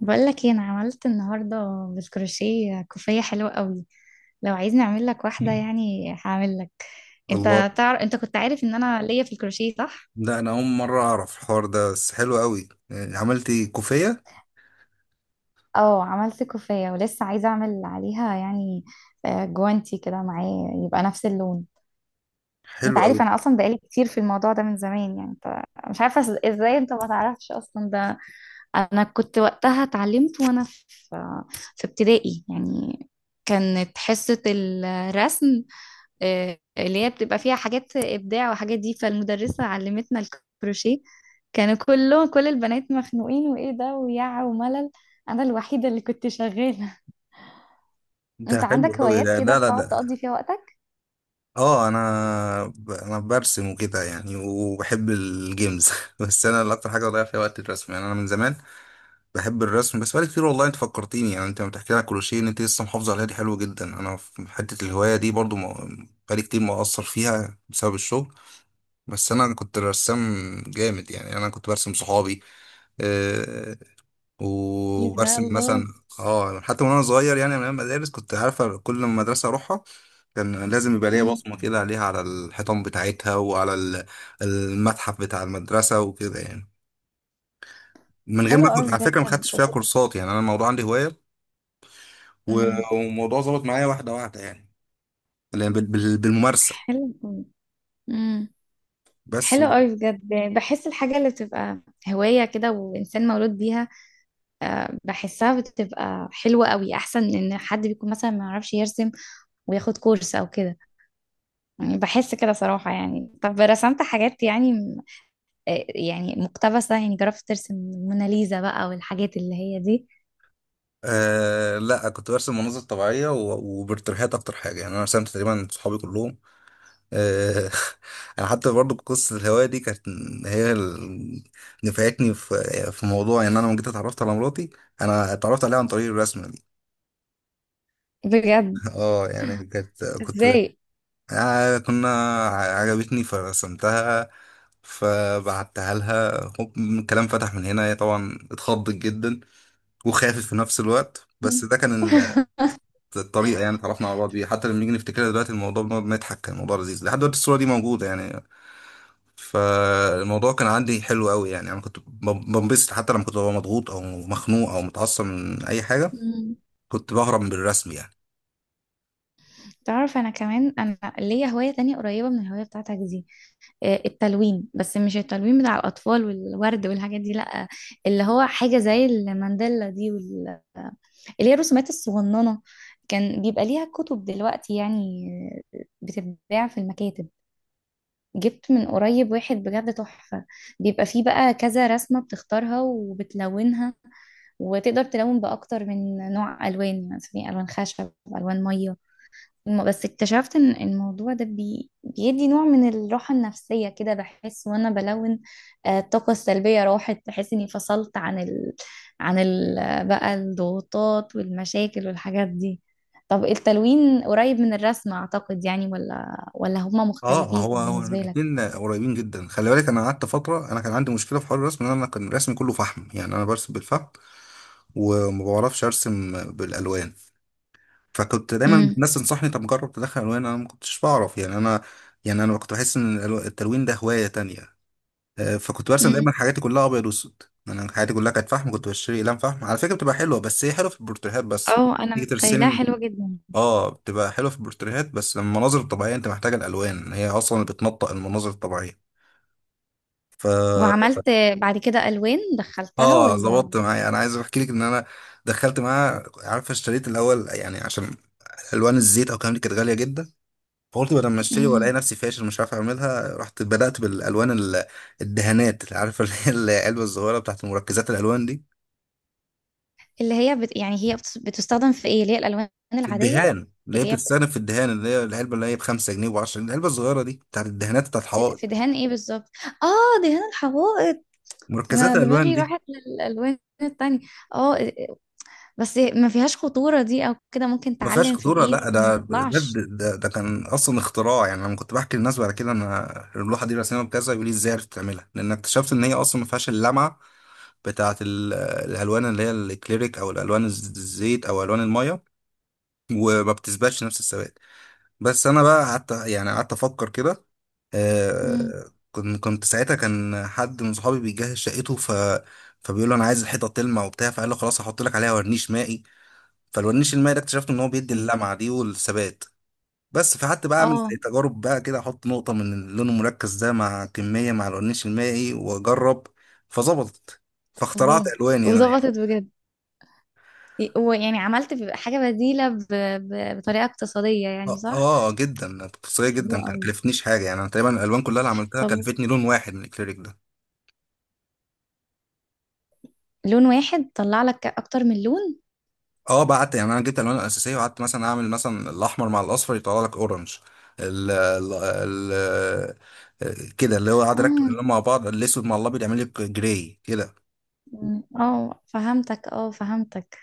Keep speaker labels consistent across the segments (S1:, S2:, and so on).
S1: بقول لك ايه انا عملت النهارده بالكروشيه كوفيه حلوه قوي. لو عايز نعمل لك واحده يعني هعمل لك.
S2: الله.
S1: انت تعرف، انت كنت عارف ان انا ليا في الكروشيه، صح؟
S2: ده انا اول مره اعرف الحوار ده، بس حلو قوي يعني عملت كوفيه.
S1: اه، عملت كوفية ولسه عايزة اعمل عليها يعني. جوانتي كده معاه يبقى نفس اللون. انت
S2: حلو قوي.
S1: عارف انا اصلا بقالي كتير في الموضوع ده من زمان، يعني انت مش عارفة ازاي انت ما تعرفش اصلا ده. انا كنت وقتها اتعلمت وانا في ابتدائي يعني. كانت حصة الرسم، اللي هي بتبقى فيها حاجات إبداع وحاجات دي، فالمدرسة علمتنا الكروشيه. كانوا كلهم، كل البنات، مخنوقين، وإيه ده، ويع، وملل. أنا الوحيدة اللي كنت شغالة.
S2: ده
S1: أنت
S2: حلو
S1: عندك
S2: قوي.
S1: هوايات
S2: ده
S1: كده
S2: لا لا لا.
S1: بتقعد تقضي فيها وقتك؟
S2: اه، انا برسم وكده يعني وبحب الجيمز بس انا اللي اكتر حاجه بضيع فيها وقت الرسم، يعني انا من زمان بحب الرسم، بس بقالي كتير. والله انت فكرتيني، يعني انت لما بتحكي لي على كروشيه ان انت لسه محافظه عليها، دي حلوه جدا. انا في حته الهوايه دي برضو ما- بقالي كتير مقصر فيها بسبب الشغل. بس انا كنت رسام جامد، يعني انا كنت برسم صحابي آه،
S1: إيه ده،
S2: وبرسم
S1: الله.
S2: مثلا. اه حتى وانا صغير، يعني من أيام المدارس كنت عارفه كل مدرسه اروحها كان لازم يبقى ليا
S1: مم.
S2: بصمه كده عليها، على الحيطان بتاعتها وعلى المتحف بتاع المدرسه وكده يعني. من غير ما
S1: حلو
S2: اخد
S1: أوي
S2: على فكره ما
S1: بجد،
S2: خدتش فيها
S1: وكنت.
S2: كورسات، يعني انا الموضوع عندي هوايه،
S1: مم.
S2: و- والموضوع ظبط معايا واحده واحده، يعني اللي بالممارسه.
S1: حلو. امم.
S2: بس
S1: حلو
S2: و...
S1: قوي بجد. بحس الحاجة اللي بتبقى هواية كده وإنسان مولود بيها، بحسها بتبقى حلوة قوي، أحسن من إن حد بيكون مثلا ما يعرفش يرسم وياخد كورس أو كده. يعني بحس كده صراحة. يعني طب رسمت حاجات يعني يعني مقتبسة، يعني جربت ترسم موناليزا بقى والحاجات اللي هي دي؟
S2: آه لا، كنت برسم مناظر طبيعيه وبالترهات اكتر حاجه، يعني انا رسمت تقريبا صحابي كلهم آه، انا حتى برضو قصه الهوايه دي كانت هي اللي نفعتني في موضوع ان انا لما جيت اتعرفت على مراتي. انا اتعرفت عليها عن طريق الرسمه دي
S1: بجد؟
S2: اه يعني كانت كنت
S1: ازاي؟
S2: آه كنا عجبتني فرسمتها، فبعتها لها. هوب، الكلام فتح من هنا. هي طبعا اتخضت جدا وخافت في نفس الوقت،
S1: مم.
S2: بس ده كان الطريقه يعني اتعرفنا على بعض بيها. حتى لما نيجي نفتكرها دلوقتي الموضوع بنقعد نضحك. كان الموضوع لذيذ، لحد دلوقتي الصوره دي موجوده يعني. فالموضوع كان عندي حلو قوي، يعني انا كنت بنبسط حتى لما كنت ببقى مضغوط او مخنوق او متعصب من اي حاجه
S1: مم.
S2: كنت بهرب بالرسم يعني.
S1: تعرف، انا كمان انا ليا هواية تانية قريبة من الهواية بتاعتك دي، التلوين. بس مش التلوين بتاع الاطفال والورد والحاجات دي، لا. اللي هو حاجة زي المانديلا دي، وال... اللي هي الرسومات الصغننة. كان بيبقى ليها كتب دلوقتي يعني، بتتباع في المكاتب. جبت من قريب واحد بجد تحفة. بيبقى فيه بقى كذا رسمة، بتختارها وبتلونها، وتقدر تلون بأكتر من نوع ألوان، يعني مثلا في ألوان خشب، ألوان مية. بس اكتشفت ان الموضوع ده بيدي نوع من الراحة النفسية كده. بحس وانا بلون، الطاقة السلبية راحت. بحس اني فصلت عن ال... عن ال... بقى الضغوطات والمشاكل والحاجات دي. طب التلوين قريب من الرسم اعتقد يعني، ولا هما
S2: اه،
S1: مختلفين
S2: هو
S1: بالنسبة
S2: الاثنين قريبين جدا. خلي بالك انا قعدت فتره، انا كان عندي مشكله في حوار الرسم ان انا كان رسمي كله فحم، يعني انا برسم بالفحم وما بعرفش ارسم بالالوان. فكنت دايما
S1: لك؟
S2: الناس تنصحني طب جرب تدخل الوان، انا ما كنتش بعرف يعني انا. يعني انا كنت بحس ان التلوين ده هوايه تانية آه، فكنت برسم دايما
S1: امم.
S2: حاجاتي كلها ابيض واسود. يعني انا حياتي كلها كانت فحم. كنت بشتري اقلام فحم على فكره بتبقى حلوه، بس هي حلوه في البورتريهات بس.
S1: اه، انا
S2: تيجي
S1: متخيلاها
S2: ترسمي.
S1: حلوة جدا.
S2: اه، بتبقى حلوه في البورتريهات بس. لما المناظر الطبيعيه انت محتاجه الالوان، هي اصلا بتنطق المناظر الطبيعيه. ف
S1: وعملت بعد كده الوان، دخلتها
S2: اه
S1: ولا؟
S2: ظبطت معايا. انا عايز احكي لك ان انا دخلت معاها عارفه. اشتريت الاول يعني عشان الوان الزيت او الكلام دي كانت غاليه جدا. فقلت بدل ما اشتري والاقي
S1: امم.
S2: نفسي فاشل مش عارف اعملها، رحت بدات بالالوان الدهانات. عارفه اللي هي العلبه الصغيره بتاعت مركزات الالوان دي.
S1: اللي هي يعني هي بتستخدم في ايه؟ اللي هي الالوان
S2: في
S1: العاديه؟
S2: الدهان، اللي هي
S1: اللي هي بت-
S2: بتتستخدم في الدهان، اللي هي العلبه اللي هي ب 5 جنيه و10 جنيه، العلبه الصغيره دي بتاعت الدهانات بتاعت
S1: في
S2: الحوائط.
S1: دهان ايه بالظبط؟ اه، دهان الحوائط. انا
S2: مركزات الالوان
S1: دماغي
S2: دي.
S1: راحت للالوان التانية. اه. بس ما فيهاش خطوره دي او كده؟ ممكن
S2: ما فيهاش
S1: تعلم في
S2: خطوره.
S1: الايد
S2: لا،
S1: ما
S2: ده ده
S1: تطلعش؟
S2: ده, ده كان اصلا اختراع. يعني لما كنت بحكي للناس بعد كده انا اللوحه دي رسمها بكذا يقول لي ازاي عرفت تعملها. لان اكتشفت ان هي اصلا ما فيهاش اللمعه بتاعت الالوان اللي هي الاكليريك او الالوان الزيت او الوان الميه، وما بتثبتش نفس الثبات. بس انا بقى قعدت يعني قعدت افكر كده.
S1: امم.
S2: كنت ساعتها كان حد من صحابي بيجهز شقته فبيقول له انا عايز الحيطه تلمع وبتاع. فقال له خلاص هحط لك عليها ورنيش مائي. فالورنيش المائي ده اكتشفت ان هو بيدي
S1: أمم.
S2: اللمعه دي والثبات. بس فقعدت بقى اعمل
S1: اه،
S2: زي تجارب بقى كده. احط نقطه من اللون المركز ده مع كميه مع الورنيش المائي واجرب. فظبطت، فاخترعت
S1: الله.
S2: الواني انا يعني.
S1: وظبطت بجد؟ ويعني عملت حاجه بديله ب... ب... بطريقه اقتصاديه يعني،
S2: اه،
S1: صح؟
S2: آه، جدا اقتصاديه
S1: حلو
S2: جدا. كانت
S1: قوي.
S2: كلفتنيش حاجه يعني. انا تقريبا الالوان كلها اللي عملتها
S1: طب
S2: كلفتني لون واحد من الاكريليك ده.
S1: لون واحد طلع لك اكتر من لون؟
S2: اه بعت، يعني انا جبت الالوان الاساسيه وقعدت مثلا اعمل مثلا الاحمر مع الاصفر يطلع لك اورنج. ال ال ال كده، اللي هو قاعد اركب
S1: اه.
S2: الالوان مع بعض، الاسود مع الابيض يعمل لك جراي كده.
S1: مم. اه فهمتك، اه فهمتك.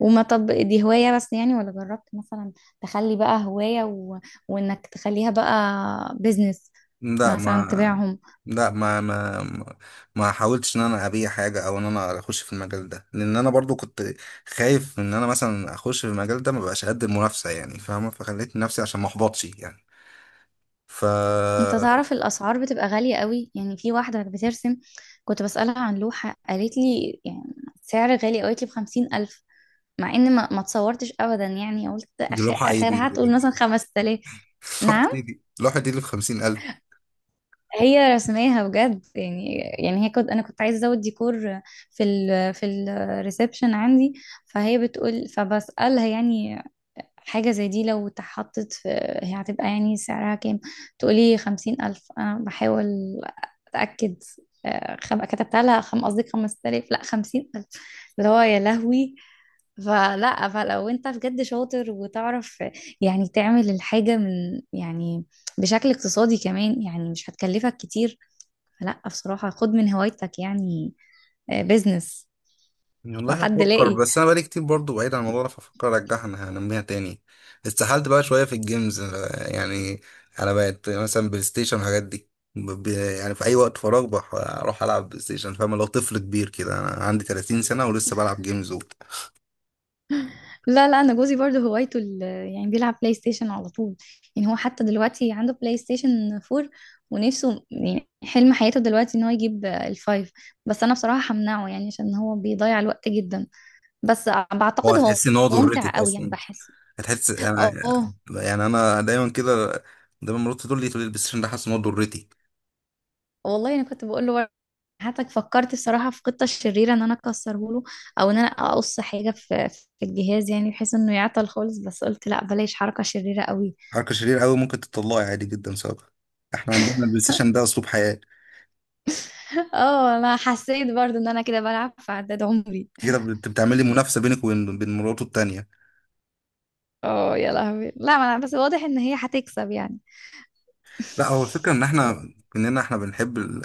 S1: وما، طب دي هواية بس يعني، ولا جربت مثلا تخلي بقى هواية و... وانك تخليها بقى بيزنس،
S2: لا
S1: مثلا
S2: ما
S1: تبيعهم؟
S2: لا، ما ما حاولتش ان انا ابيع حاجه او ان انا اخش في المجال ده، لان انا برضو كنت خايف ان انا مثلا اخش في المجال ده ما بقاش قد المنافسه يعني. فاهمه. فخليت نفسي عشان ما احبطش يعني. ف
S1: انت تعرف الاسعار بتبقى غالية قوي يعني. في واحدة بترسم، كنت بسألها عن لوحة، قالت لي يعني سعر غالي قوي، قالت لي بـ50,000. مع ان ما تصورتش ابدا يعني. قلت
S2: دي لوحه اي دي
S1: اخرها هتقول مثلا 5,000.
S2: لوحه
S1: نعم؟
S2: دي دي لوحه دي اللي ب 50,000.
S1: هي رسماها بجد يعني؟ يعني هي، كنت انا كنت عايزه ازود ديكور في ال، في الريسبشن عندي، فهي بتقول، فبسالها يعني حاجه زي دي لو اتحطت في، هي هتبقى يعني سعرها كام؟ تقولي 50,000. انا بحاول اتاكد، كتبت لها قصدي 5000، لا 50000، اللي هو يا لهوي. فلا، فلو انت بجد شاطر وتعرف يعني تعمل الحاجة من يعني بشكل اقتصادي كمان، يعني مش هتكلفك كتير. لا بصراحة، خد من هوايتك يعني بيزنس لو
S2: والله
S1: حد
S2: هفكر.
S1: لاقي.
S2: بس انا بقالي كتير برضو بعيد عن الموضوع ده، فافكر ارجعها انها انميها تاني. استحلت بقى شويه في الجيمز يعني. انا بقت مثلا بلاي ستيشن والحاجات دي يعني في اي وقت فراغ اروح العب بلاي ستيشن. فاهم، لو طفل كبير كده، انا عندي 30 سنه ولسه بلعب جيمز وبتاع.
S1: لا لا، انا جوزي برضه هوايته ال-، يعني بيلعب بلاي ستيشن على طول. يعني هو حتى دلوقتي عنده بلاي ستيشن 4، ونفسه يعني حلم حياته دلوقتي ان هو يجيب الفايف. بس انا بصراحة همنعه، يعني عشان هو بيضيع الوقت جدا. بس
S2: هو
S1: بعتقد هو
S2: هتحس ان هو
S1: ممتع
S2: ضرتك
S1: قوي يعني،
S2: اصلا.
S1: بحس.
S2: هتحس انا
S1: اه،
S2: يعني. انا دايما كده. دايما مراتي تقول لي البلاي ستيشن ده حاسس ان هو ضرتي.
S1: والله انا كنت بقول له. حتى فكرت بصراحة في قطة الشريرة أن أنا تكسره له، أو أن أنا أقص حاجة في الجهاز، يعني بحيث أنه يعطى الخلص. بس قلت لأ، بلايش حركة شريرة قوي.
S2: حركه شريره قوي ممكن تطلعي عادي جدا بسببها. احنا عندنا البلاي ستيشن ده اسلوب حياه.
S1: أوه، أنا حسيت برضو أن أنا كده بلعب في عدد عمري.
S2: كده بتعملي منافسه بينك وبين بين مراته التانيه.
S1: أوه، يلا همير لا ملا، بس واضح أن هي حتيكسب يعني.
S2: لا، هو الفكره ان احنا كلنا بنحب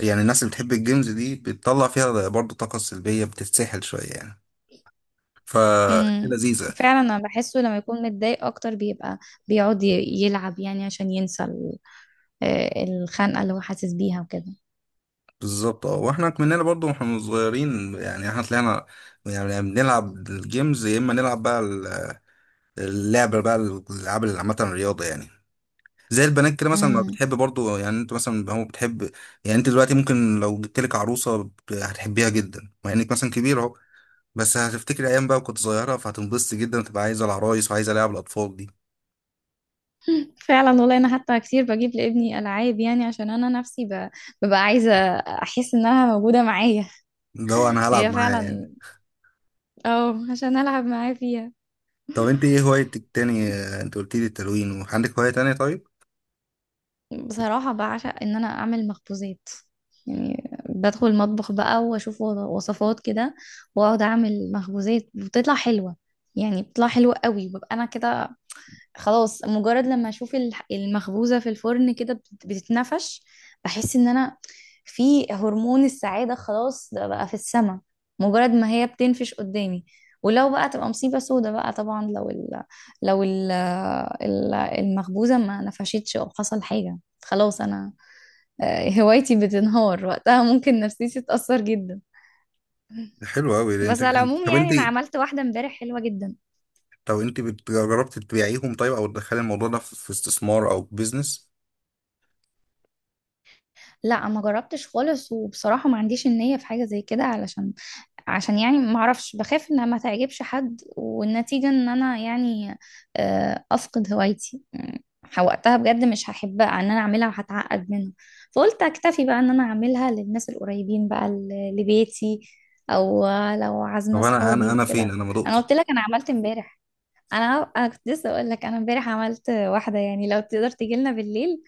S2: يعني الناس اللي بتحب الجيمز دي بتطلع فيها برضو طاقه سلبيه بتتسحل شويه يعني. ف
S1: امم.
S2: لذيذه.
S1: فعلا، أنا بحسه لما يكون متضايق أكتر بيبقى بيعود يلعب، يعني عشان ينسى الخنة اللي هو حاسس بيها وكده.
S2: بالظبط، اه. واحنا كملنا برضو واحنا صغيرين، يعني احنا طلعنا يعني بنلعب الجيمز. يا اما نلعب بقى اللعبه بقى الالعاب اللي عامه الرياضه يعني. زي البنات كده مثلا ما
S1: امم.
S2: بتحب برضو. يعني انت مثلا هو بتحب، يعني انت دلوقتي ممكن لو جبت لك عروسه هتحبيها جدا مع انك مثلا كبير، بس هتفتكر ايام بقى كنت صغيره فهتنبسط جدا وتبقى عايزه العرايس وعايزه العب الاطفال دي.
S1: فعلا، والله انا حتى كتير بجيب لابني العاب، يعني عشان انا نفسي ببقى عايزه احس انها موجوده معايا.
S2: ده هو انا هلعب
S1: هي
S2: معاه
S1: فعلا.
S2: يعني.
S1: اه، عشان العب معاه فيها.
S2: طب انت ايه هوايتك تاني؟ آه، انت قلت لي التلوين وعندك هوايه تانية طيب.
S1: بصراحه بعشق ان انا اعمل مخبوزات. يعني بدخل المطبخ بقى واشوف وصفات كده، واقعد اعمل مخبوزات بتطلع حلوه. يعني بتطلع حلوه قوي، ببقى انا كده خلاص. مجرد لما اشوف المخبوزة في الفرن كده بتتنفش، بحس ان انا في هرمون السعادة. خلاص ده بقى في السما مجرد ما هي بتنفش قدامي. ولو بقى تبقى مصيبة سودة بقى طبعا، لو ال، لو ال المخبوزة ما نفشتش او حصل حاجة، خلاص انا، هوايتي بتنهار وقتها، ممكن نفسيتي تتأثر جدا.
S2: حلو قوي انت،
S1: بس على
S2: أنت-
S1: العموم
S2: طب انت
S1: يعني انا عملت واحدة امبارح حلوة جدا.
S2: طب انت بت- جربت تبيعيهم طيب، او تدخلي الموضوع ده في استثمار او بيزنس؟
S1: لا، ما جربتش خالص، وبصراحة ما عنديش النية في حاجة زي كده، علشان، عشان يعني ما اعرفش، بخاف انها ما تعجبش حد، والنتيجة ان انا يعني افقد هوايتي. وقتها بجد مش هحبها ان انا اعملها، هتعقد منها. فقلت اكتفي بقى ان انا اعملها للناس القريبين، بقى لبيتي، او لو عازمة
S2: طب انا انا
S1: صحابي
S2: انا فين؟
S1: وكده.
S2: انا ما
S1: انا
S2: دقتش.
S1: قلت لك انا عملت امبارح. انا كنت لسه اقول لك انا امبارح عملت واحدة. يعني لو تقدر تجي لنا بالليل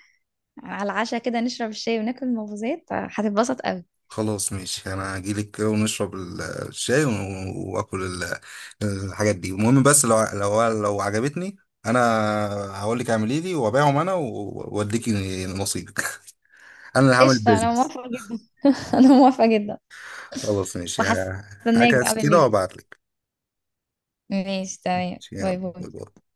S1: على العشاء كده، نشرب الشاي وناكل المخبوزات، هتتبسط قوي.
S2: خلاص ماشي، انا هجيلك كده ونشرب الشاي واكل الحاجات دي. المهم بس لو لو عجبتني انا هقول لك اعملي لي وابيعهم انا واديكي نصيبك انا اللي هعمل
S1: قشطة، أنا
S2: بيزنس.
S1: موافقة جدا. أنا موافقة جدا.
S2: خلاص ماشي ه-
S1: وهستناك
S2: هجهز
S1: بقى
S2: كده
S1: بالليل.
S2: وابعت لك.
S1: ماشي، تمام، باي
S2: يلا
S1: باي.
S2: باي باي.